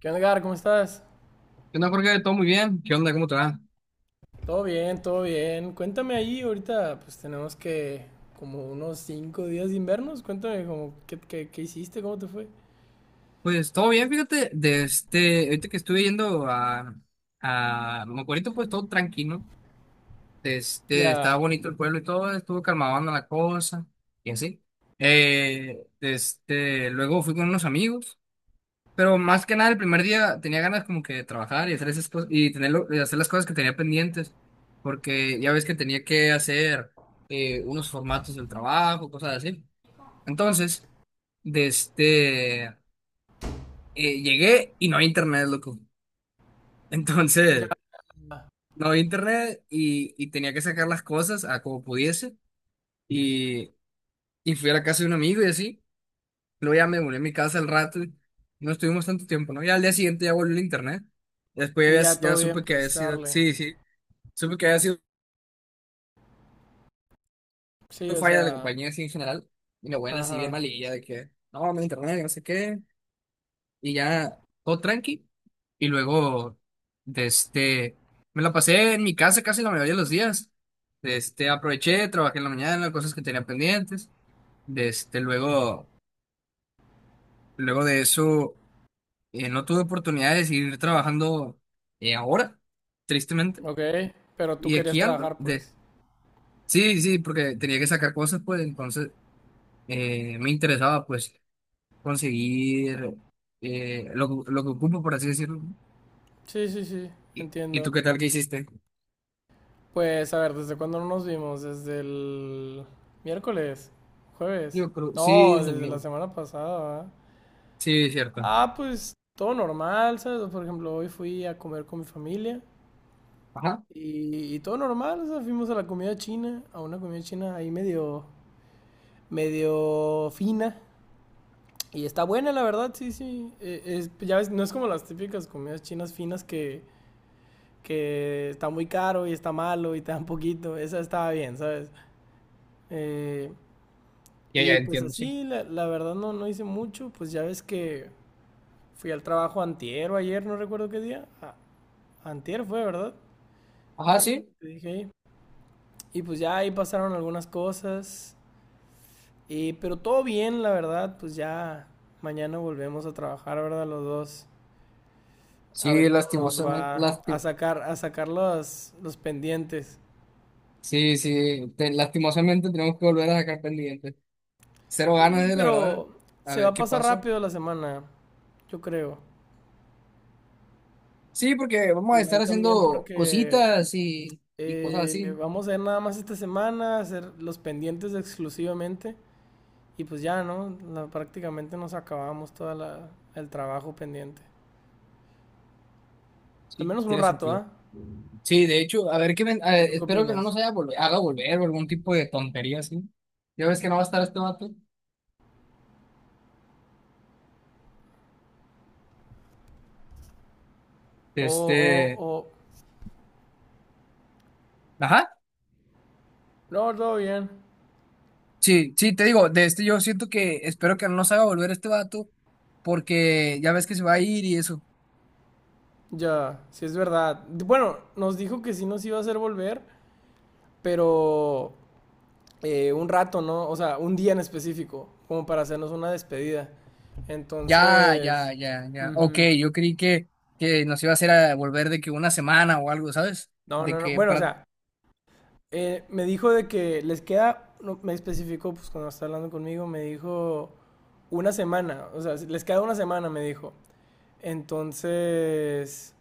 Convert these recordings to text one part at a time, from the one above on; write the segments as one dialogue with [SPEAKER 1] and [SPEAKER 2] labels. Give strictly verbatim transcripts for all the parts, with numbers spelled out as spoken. [SPEAKER 1] ¿Qué onda, Gar? ¿Cómo estás?
[SPEAKER 2] ¿Qué onda, Jorge? ¿Todo muy bien? ¿Qué onda? ¿Cómo te va?
[SPEAKER 1] Todo bien, todo bien. Cuéntame ahí, ahorita pues tenemos que como unos cinco días sin vernos. Cuéntame como qué, qué, qué hiciste, cómo te fue.
[SPEAKER 2] Pues todo bien, fíjate, de este, ahorita que estuve yendo a, a Mocorito, pues todo tranquilo. De este, estaba
[SPEAKER 1] Ya,
[SPEAKER 2] bonito el pueblo y todo, estuvo calmando la cosa, y así. Eh, de este, luego fui con unos amigos, pero más que nada el primer día tenía ganas como que de trabajar y hacer esas cosas, y tenerlo, y hacer las cosas que tenía pendientes, porque ya ves que tenía que hacer eh, unos formatos del trabajo, cosas así. Entonces, de este, eh, llegué y no había internet, loco.
[SPEAKER 1] ya.
[SPEAKER 2] Entonces, no había internet y, y tenía que sacar las cosas a como pudiese. Y, y fui a la casa de un amigo y así. Luego ya me volví a mi casa al rato y no estuvimos tanto tiempo, ¿no? Ya al día siguiente ya volvió el internet.
[SPEAKER 1] Y
[SPEAKER 2] Después
[SPEAKER 1] ya
[SPEAKER 2] ya,
[SPEAKER 1] todo
[SPEAKER 2] ya
[SPEAKER 1] bien,
[SPEAKER 2] supe que había
[SPEAKER 1] pues
[SPEAKER 2] sido,
[SPEAKER 1] darle.
[SPEAKER 2] sí, sí, supe que había sido
[SPEAKER 1] Sí, o
[SPEAKER 2] falla de la
[SPEAKER 1] sea,
[SPEAKER 2] compañía así en general. Y la buena, así bien
[SPEAKER 1] ajá.
[SPEAKER 2] malilla, de que no, no hay internet, no sé qué. Y ya todo tranqui. Y luego, de este, me la pasé en mi casa casi la mayoría de los días. De este, aproveché, trabajé en la mañana, cosas que tenía pendientes. De este, luego, luego de eso, eh, no tuve oportunidad de seguir trabajando, eh, ahora, tristemente.
[SPEAKER 1] Ok, pero tú
[SPEAKER 2] Y
[SPEAKER 1] querías
[SPEAKER 2] aquí ando.
[SPEAKER 1] trabajar, pues.
[SPEAKER 2] De... Sí, sí, porque tenía que sacar cosas, pues entonces eh, me interesaba, pues, conseguir eh, lo, que- lo que ocupo, por así decirlo, ¿no?
[SPEAKER 1] Sí, sí, sí,
[SPEAKER 2] ¿Y, y tú
[SPEAKER 1] entiendo.
[SPEAKER 2] qué tal que hiciste?
[SPEAKER 1] Pues a ver, ¿desde cuándo no nos vimos? ¿Desde el miércoles? ¿Jueves?
[SPEAKER 2] Yo creo, sí,
[SPEAKER 1] No,
[SPEAKER 2] es el
[SPEAKER 1] desde la
[SPEAKER 2] mío.
[SPEAKER 1] semana pasada, ¿verdad?
[SPEAKER 2] Sí, es cierto.
[SPEAKER 1] Ah, pues todo normal, ¿sabes? Por ejemplo, hoy fui a comer con mi familia
[SPEAKER 2] Ajá.
[SPEAKER 1] y, y todo normal, o sea, fuimos a la comida china, a una comida china ahí medio, medio fina. Y está buena, la verdad, sí, sí. Eh, es- pues, ya ves, no es como las típicas comidas chinas finas que, que está muy caro y está malo y te dan poquito. Esa estaba bien, ¿sabes? Eh,
[SPEAKER 2] Ya, ya
[SPEAKER 1] y pues
[SPEAKER 2] entiendo, sí.
[SPEAKER 1] así, la, la verdad no, no hice mucho. Pues ya ves que fui al trabajo antier o ayer, no recuerdo qué día. A- antier fue, ¿verdad?
[SPEAKER 2] Ajá,
[SPEAKER 1] que- creo
[SPEAKER 2] sí.
[SPEAKER 1] que te dije ahí. Y pues ya ahí pasaron algunas cosas. Y, pero todo bien, la verdad. Pues ya mañana volvemos a trabajar, ¿verdad? Los dos. A ver
[SPEAKER 2] Sí,
[SPEAKER 1] cómo nos
[SPEAKER 2] lastimosamente,
[SPEAKER 1] va a
[SPEAKER 2] lasti-
[SPEAKER 1] sacar, a sacar los, los pendientes.
[SPEAKER 2] sí, sí, te- lastimosamente tenemos que volver a sacar pendientes. Cero
[SPEAKER 1] Sí,
[SPEAKER 2] ganas, eh, la verdad.
[SPEAKER 1] pero
[SPEAKER 2] A
[SPEAKER 1] se va
[SPEAKER 2] ver
[SPEAKER 1] a
[SPEAKER 2] qué
[SPEAKER 1] pasar
[SPEAKER 2] pasa.
[SPEAKER 1] rápido la semana, yo creo.
[SPEAKER 2] Sí, porque vamos a estar
[SPEAKER 1] Igual también
[SPEAKER 2] haciendo
[SPEAKER 1] porque
[SPEAKER 2] cositas y, y cosas
[SPEAKER 1] eh,
[SPEAKER 2] así.
[SPEAKER 1] vamos a ir nada más esta semana, a hacer los pendientes exclusivamente. Y pues ya, ¿no? La- prácticamente nos acabamos todo el trabajo pendiente. Al
[SPEAKER 2] Sí,
[SPEAKER 1] menos un
[SPEAKER 2] tiene
[SPEAKER 1] rato,
[SPEAKER 2] sentido.
[SPEAKER 1] ¿ah? ¿Eh?
[SPEAKER 2] Sí, de hecho, a ver qué ven- a
[SPEAKER 1] ¿O
[SPEAKER 2] ver,
[SPEAKER 1] tú qué
[SPEAKER 2] espero que no
[SPEAKER 1] opinas?
[SPEAKER 2] nos haya volver, haga volver o algún tipo de tontería así. Ya ves que no va a estar este vato.
[SPEAKER 1] O, o,
[SPEAKER 2] Este,
[SPEAKER 1] o.
[SPEAKER 2] ajá.
[SPEAKER 1] No, todo bien.
[SPEAKER 2] Sí, sí, te digo, de este yo siento que espero que no nos haga volver este vato, porque ya ves que se va a ir y eso.
[SPEAKER 1] Ya, sí es verdad. Bueno, nos dijo que sí nos iba a hacer volver, pero eh, un rato, ¿no? O sea, un día en específico, como para hacernos una despedida.
[SPEAKER 2] Ya,
[SPEAKER 1] Entonces,
[SPEAKER 2] ya, ya, ya. Ok,
[SPEAKER 1] ujú.
[SPEAKER 2] yo creí que, que nos iba a hacer a volver de que una semana o algo, ¿sabes?
[SPEAKER 1] No,
[SPEAKER 2] De
[SPEAKER 1] no, no.
[SPEAKER 2] que
[SPEAKER 1] Bueno, o
[SPEAKER 2] para...
[SPEAKER 1] sea, eh, me dijo de que les queda, no, me especificó, pues cuando estaba hablando conmigo, me dijo una semana, o sea, les queda una semana, me dijo. Entonces,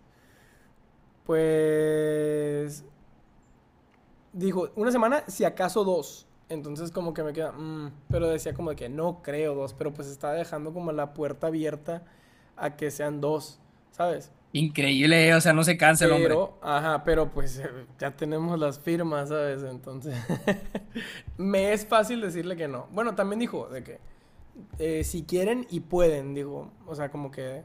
[SPEAKER 1] pues dijo, una semana, si acaso dos. Entonces como que me queda, mm, pero decía como de que no creo dos, pero pues está dejando como la puerta abierta a que sean dos, ¿sabes?
[SPEAKER 2] Increíble, eh, o sea, no se cansa el hombre.
[SPEAKER 1] Pero, ajá, pero pues eh, ya tenemos las firmas, ¿sabes? Entonces, me es fácil decirle que no. Bueno, también dijo de que eh, si quieren y pueden, digo o sea, como que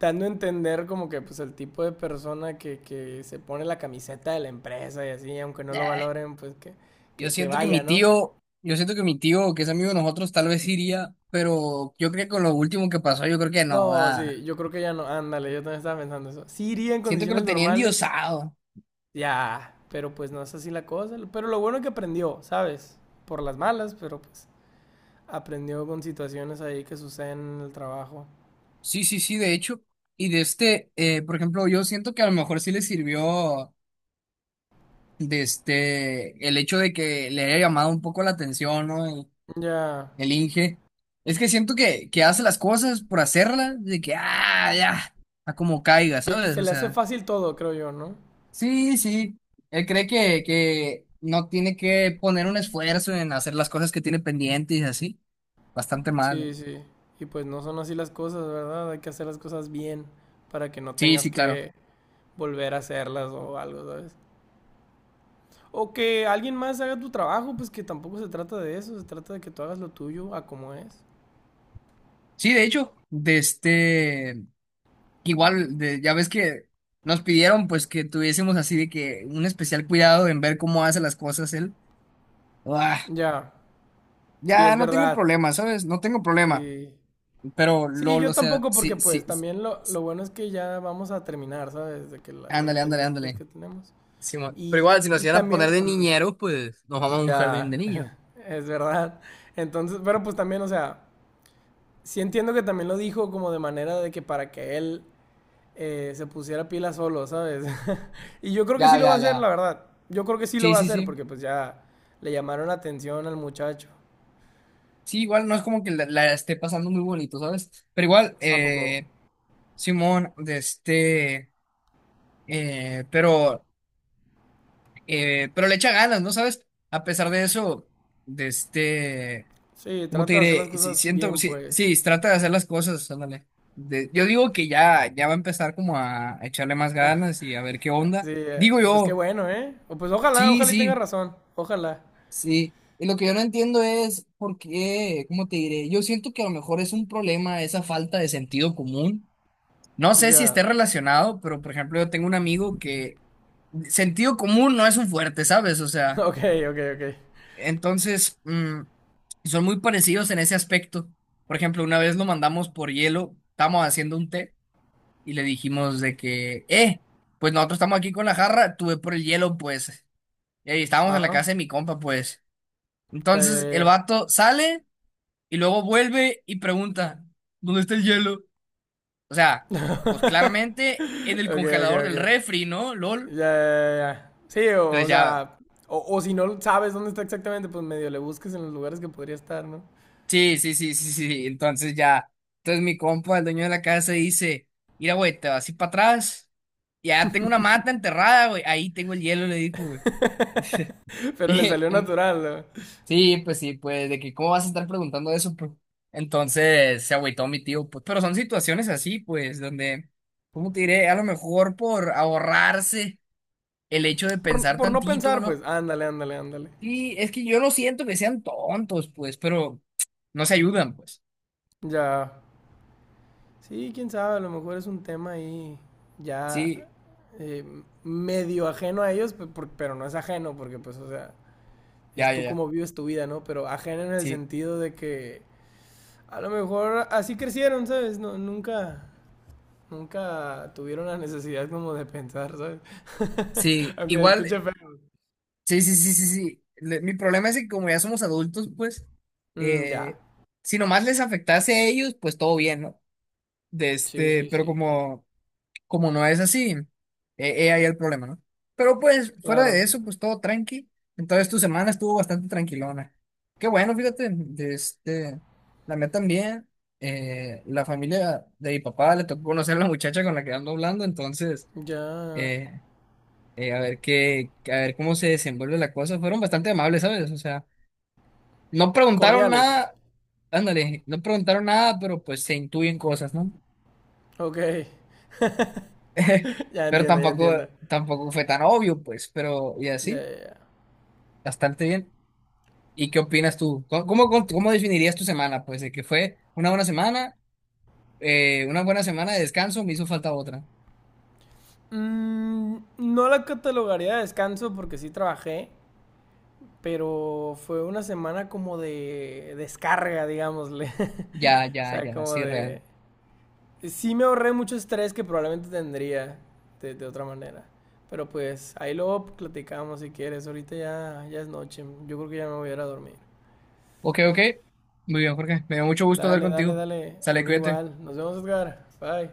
[SPEAKER 1] dando a entender como que pues el tipo de persona que, que se pone la camiseta de la empresa y así, aunque no lo
[SPEAKER 2] Eh,
[SPEAKER 1] valoren, pues que,
[SPEAKER 2] yo
[SPEAKER 1] que, que
[SPEAKER 2] siento que mi
[SPEAKER 1] vaya, ¿no?
[SPEAKER 2] tío, yo siento que mi tío, que es amigo de nosotros, tal vez iría, pero yo creo que con lo último que pasó, yo creo que no,
[SPEAKER 1] No,
[SPEAKER 2] da.
[SPEAKER 1] sí, yo creo que ya no, ándale, yo también estaba pensando eso. Sí iría en
[SPEAKER 2] Siento que
[SPEAKER 1] condiciones
[SPEAKER 2] lo tenía
[SPEAKER 1] normales,
[SPEAKER 2] endiosado.
[SPEAKER 1] ya, pero pues no es así la cosa. Pero lo bueno es que aprendió, ¿sabes? Por las malas, pero pues aprendió con situaciones ahí que suceden en el trabajo.
[SPEAKER 2] Sí, sí, sí, de hecho. Y de este, eh, por ejemplo, yo siento que a lo mejor sí le sirvió, de este, el hecho de que le haya llamado un poco la atención, ¿no? El,
[SPEAKER 1] Ya,
[SPEAKER 2] el Inge. Es que siento que, que hace las cosas por hacerlas, de que, ah, ya, a como caiga,
[SPEAKER 1] pi-
[SPEAKER 2] ¿sabes?
[SPEAKER 1] se
[SPEAKER 2] O
[SPEAKER 1] le hace
[SPEAKER 2] sea,
[SPEAKER 1] fácil todo, creo yo, ¿no?
[SPEAKER 2] sí, sí. Él cree que, que no tiene que poner un esfuerzo en hacer las cosas que tiene pendientes y así. Bastante mal, ¿eh?
[SPEAKER 1] Sí, sí. Y pues no son así las cosas, ¿verdad? Hay que hacer las cosas bien para que no
[SPEAKER 2] Sí,
[SPEAKER 1] tengas
[SPEAKER 2] sí, claro.
[SPEAKER 1] que volver a hacerlas o algo, ¿sabes? O que alguien más haga tu trabajo, pues que tampoco se trata de eso, se trata de que tú hagas lo tuyo a como es.
[SPEAKER 2] Sí, de hecho, de este. Igual, de- ya ves que nos pidieron pues que tuviésemos así de que un especial cuidado en ver cómo hace las cosas él. Ah,
[SPEAKER 1] Ya, sí,
[SPEAKER 2] ya
[SPEAKER 1] es
[SPEAKER 2] no tengo
[SPEAKER 1] verdad.
[SPEAKER 2] problema, ¿sabes? No tengo problema.
[SPEAKER 1] Sí.
[SPEAKER 2] Pero
[SPEAKER 1] Sí,
[SPEAKER 2] Lolo,
[SPEAKER 1] yo
[SPEAKER 2] o sea,
[SPEAKER 1] tampoco porque
[SPEAKER 2] sí,
[SPEAKER 1] pues
[SPEAKER 2] sí, sí.
[SPEAKER 1] también lo, lo bueno es que ya vamos a terminar, ¿sabes? De que la- los
[SPEAKER 2] Ándale, ándale,
[SPEAKER 1] pendientes
[SPEAKER 2] ándale.
[SPEAKER 1] que tenemos.
[SPEAKER 2] Simón. Pero
[SPEAKER 1] Y,
[SPEAKER 2] igual, si nos
[SPEAKER 1] y
[SPEAKER 2] iban a poner
[SPEAKER 1] también,
[SPEAKER 2] de
[SPEAKER 1] mm,
[SPEAKER 2] niñeros, pues nos vamos a un jardín de
[SPEAKER 1] ya,
[SPEAKER 2] niños.
[SPEAKER 1] es verdad. Entonces, pero pues también, o sea... Sí entiendo que también lo dijo como de manera de que para que él eh, se pusiera pila solo, ¿sabes? y yo creo que sí
[SPEAKER 2] Ya,
[SPEAKER 1] lo va a
[SPEAKER 2] ya,
[SPEAKER 1] hacer, la
[SPEAKER 2] ya.
[SPEAKER 1] verdad. Yo creo que sí lo
[SPEAKER 2] Sí,
[SPEAKER 1] va a
[SPEAKER 2] sí,
[SPEAKER 1] hacer
[SPEAKER 2] sí.
[SPEAKER 1] porque pues ya le llamaron la atención al muchacho.
[SPEAKER 2] Sí, igual no es como que la, la esté pasando muy bonito, ¿sabes? Pero igual,
[SPEAKER 1] ¿A poco?
[SPEAKER 2] eh, simón, de este, eh, pero... Eh, pero le echa ganas, ¿no sabes? A pesar de eso, de este,
[SPEAKER 1] Sí,
[SPEAKER 2] ¿cómo te
[SPEAKER 1] trata de hacer las
[SPEAKER 2] diré? Sí,
[SPEAKER 1] cosas
[SPEAKER 2] siento,
[SPEAKER 1] bien,
[SPEAKER 2] sí,
[SPEAKER 1] pues.
[SPEAKER 2] sí, trata de hacer las cosas, ándale. De- yo digo que ya, ya va a empezar como a, a echarle más
[SPEAKER 1] Ah,
[SPEAKER 2] ganas y a ver qué
[SPEAKER 1] sí,
[SPEAKER 2] onda.
[SPEAKER 1] eh,
[SPEAKER 2] Digo
[SPEAKER 1] pues qué
[SPEAKER 2] yo,
[SPEAKER 1] bueno, ¿eh? O pues ojalá,
[SPEAKER 2] sí,
[SPEAKER 1] ojalá y tenga
[SPEAKER 2] sí,
[SPEAKER 1] razón. Ojalá.
[SPEAKER 2] sí. Y lo que yo no entiendo es por qué, ¿cómo te diré? Yo siento que a lo mejor es un problema esa falta de sentido común. No sé si esté
[SPEAKER 1] Ya.
[SPEAKER 2] relacionado, pero por ejemplo, yo tengo un amigo que sentido común no es un fuerte, ¿sabes? O sea.
[SPEAKER 1] Ok, ok, ok.
[SPEAKER 2] Entonces, mm, son muy parecidos en ese aspecto. Por ejemplo, una vez lo mandamos por hielo, estábamos haciendo un té y le dijimos de que, eh, pues nosotros estamos aquí con la jarra, tuve por el hielo, pues, y ahí estábamos en la
[SPEAKER 1] Ajá.
[SPEAKER 2] casa de mi compa, pues.
[SPEAKER 1] Ya, ya,
[SPEAKER 2] Entonces, el
[SPEAKER 1] ya.
[SPEAKER 2] vato sale y luego vuelve y pregunta, ¿dónde está el hielo? O sea,
[SPEAKER 1] ya.
[SPEAKER 2] pues claramente en el
[SPEAKER 1] Ok, ok,
[SPEAKER 2] congelador
[SPEAKER 1] ok.
[SPEAKER 2] del refri, ¿no?
[SPEAKER 1] Ya,
[SPEAKER 2] LOL.
[SPEAKER 1] ya, ya. Sí, o, o
[SPEAKER 2] Entonces ya.
[SPEAKER 1] sea, o, o si no sabes dónde está exactamente, pues medio le busques en los lugares que podría estar, ¿no?
[SPEAKER 2] Sí, sí, sí, sí, sí. Sí. Entonces ya, entonces mi compa, el dueño de la casa, dice, mira, güey, te vas así para atrás. Ya tengo una mata enterrada, güey. Ahí tengo el hielo, le dijo, güey.
[SPEAKER 1] Pero le
[SPEAKER 2] Y-
[SPEAKER 1] salió
[SPEAKER 2] y-
[SPEAKER 1] natural, ¿no?
[SPEAKER 2] sí, pues sí, pues de que cómo vas a estar preguntando eso, pues. Entonces se agüitó mi tío, pues. Pero son situaciones así, pues, donde, ¿cómo te diré? A lo mejor por ahorrarse el hecho de
[SPEAKER 1] Por,
[SPEAKER 2] pensar
[SPEAKER 1] por no
[SPEAKER 2] tantito,
[SPEAKER 1] pensar, pues,
[SPEAKER 2] ¿no?
[SPEAKER 1] ándale, ándale, ándale.
[SPEAKER 2] Sí, es que yo no siento que sean tontos, pues, pero no se ayudan, pues.
[SPEAKER 1] Ya. Sí, quién sabe, a lo mejor es un tema ahí ya
[SPEAKER 2] Sí,
[SPEAKER 1] eh, medio ajeno a ellos, pe- por- pero no es ajeno, porque pues, o sea, es
[SPEAKER 2] ya, ya,
[SPEAKER 1] tú
[SPEAKER 2] ya.
[SPEAKER 1] como vives tu vida, ¿no? Pero ajeno en el
[SPEAKER 2] Sí.
[SPEAKER 1] sentido de que a lo mejor así crecieron, ¿sabes? No, nunca, nunca tuvieron la necesidad como de pensar, ¿sabes?
[SPEAKER 2] Sí,
[SPEAKER 1] Aunque se
[SPEAKER 2] igual,
[SPEAKER 1] escuche feo.
[SPEAKER 2] sí, sí, sí, sí, sí. Le- Mi problema es que como ya somos adultos, pues,
[SPEAKER 1] Mm, ya.
[SPEAKER 2] eh, si nomás les afectase a ellos, pues todo bien, ¿no? De
[SPEAKER 1] Sí,
[SPEAKER 2] este,
[SPEAKER 1] sí,
[SPEAKER 2] pero
[SPEAKER 1] sí.
[SPEAKER 2] como, como no es así, eh, eh, ahí el problema, ¿no? Pero pues, fuera de
[SPEAKER 1] Claro.
[SPEAKER 2] eso, pues todo tranqui. Entonces tu semana estuvo bastante tranquilona. Qué bueno, fíjate, de este, la mía también, eh, la familia de mi papá le tocó conocer a la muchacha con la que ando hablando, entonces...
[SPEAKER 1] Ya.
[SPEAKER 2] eh, eh, a ver qué, a ver cómo se desenvuelve la cosa. Fueron bastante amables, ¿sabes? O sea, no preguntaron
[SPEAKER 1] Cordiales.
[SPEAKER 2] nada, ándale, no preguntaron nada, pero pues se intuyen cosas, ¿no?
[SPEAKER 1] Ok. Ya
[SPEAKER 2] Pero
[SPEAKER 1] entiendo, ya
[SPEAKER 2] tampoco,
[SPEAKER 1] entiendo.
[SPEAKER 2] tampoco fue tan obvio, pues, pero y
[SPEAKER 1] Ya,
[SPEAKER 2] así,
[SPEAKER 1] ya, ya.
[SPEAKER 2] bastante bien. ¿Y qué opinas tú? ¿Cómo, cómo, cómo definirías tu semana? Pues de que fue una buena semana, eh, una buena semana de descanso, me hizo falta otra.
[SPEAKER 1] Mm, no la catalogaría de descanso porque sí trabajé, pero fue una semana como de descarga, digámosle.
[SPEAKER 2] Ya,
[SPEAKER 1] O
[SPEAKER 2] ya,
[SPEAKER 1] sea,
[SPEAKER 2] ya,
[SPEAKER 1] como
[SPEAKER 2] sí,
[SPEAKER 1] de
[SPEAKER 2] real.
[SPEAKER 1] sí me ahorré mucho estrés que probablemente tendría de, de otra manera. Pero pues ahí luego platicamos si quieres. Ahorita ya, ya es noche. Yo creo que ya me voy a ir a dormir.
[SPEAKER 2] Ok, ok. Muy bien, Jorge. Me dio mucho gusto hablar
[SPEAKER 1] Dale, dale,
[SPEAKER 2] contigo.
[SPEAKER 1] dale. A
[SPEAKER 2] Sale,
[SPEAKER 1] mí
[SPEAKER 2] cuídate.
[SPEAKER 1] igual. Nos vemos, Edgar. Bye.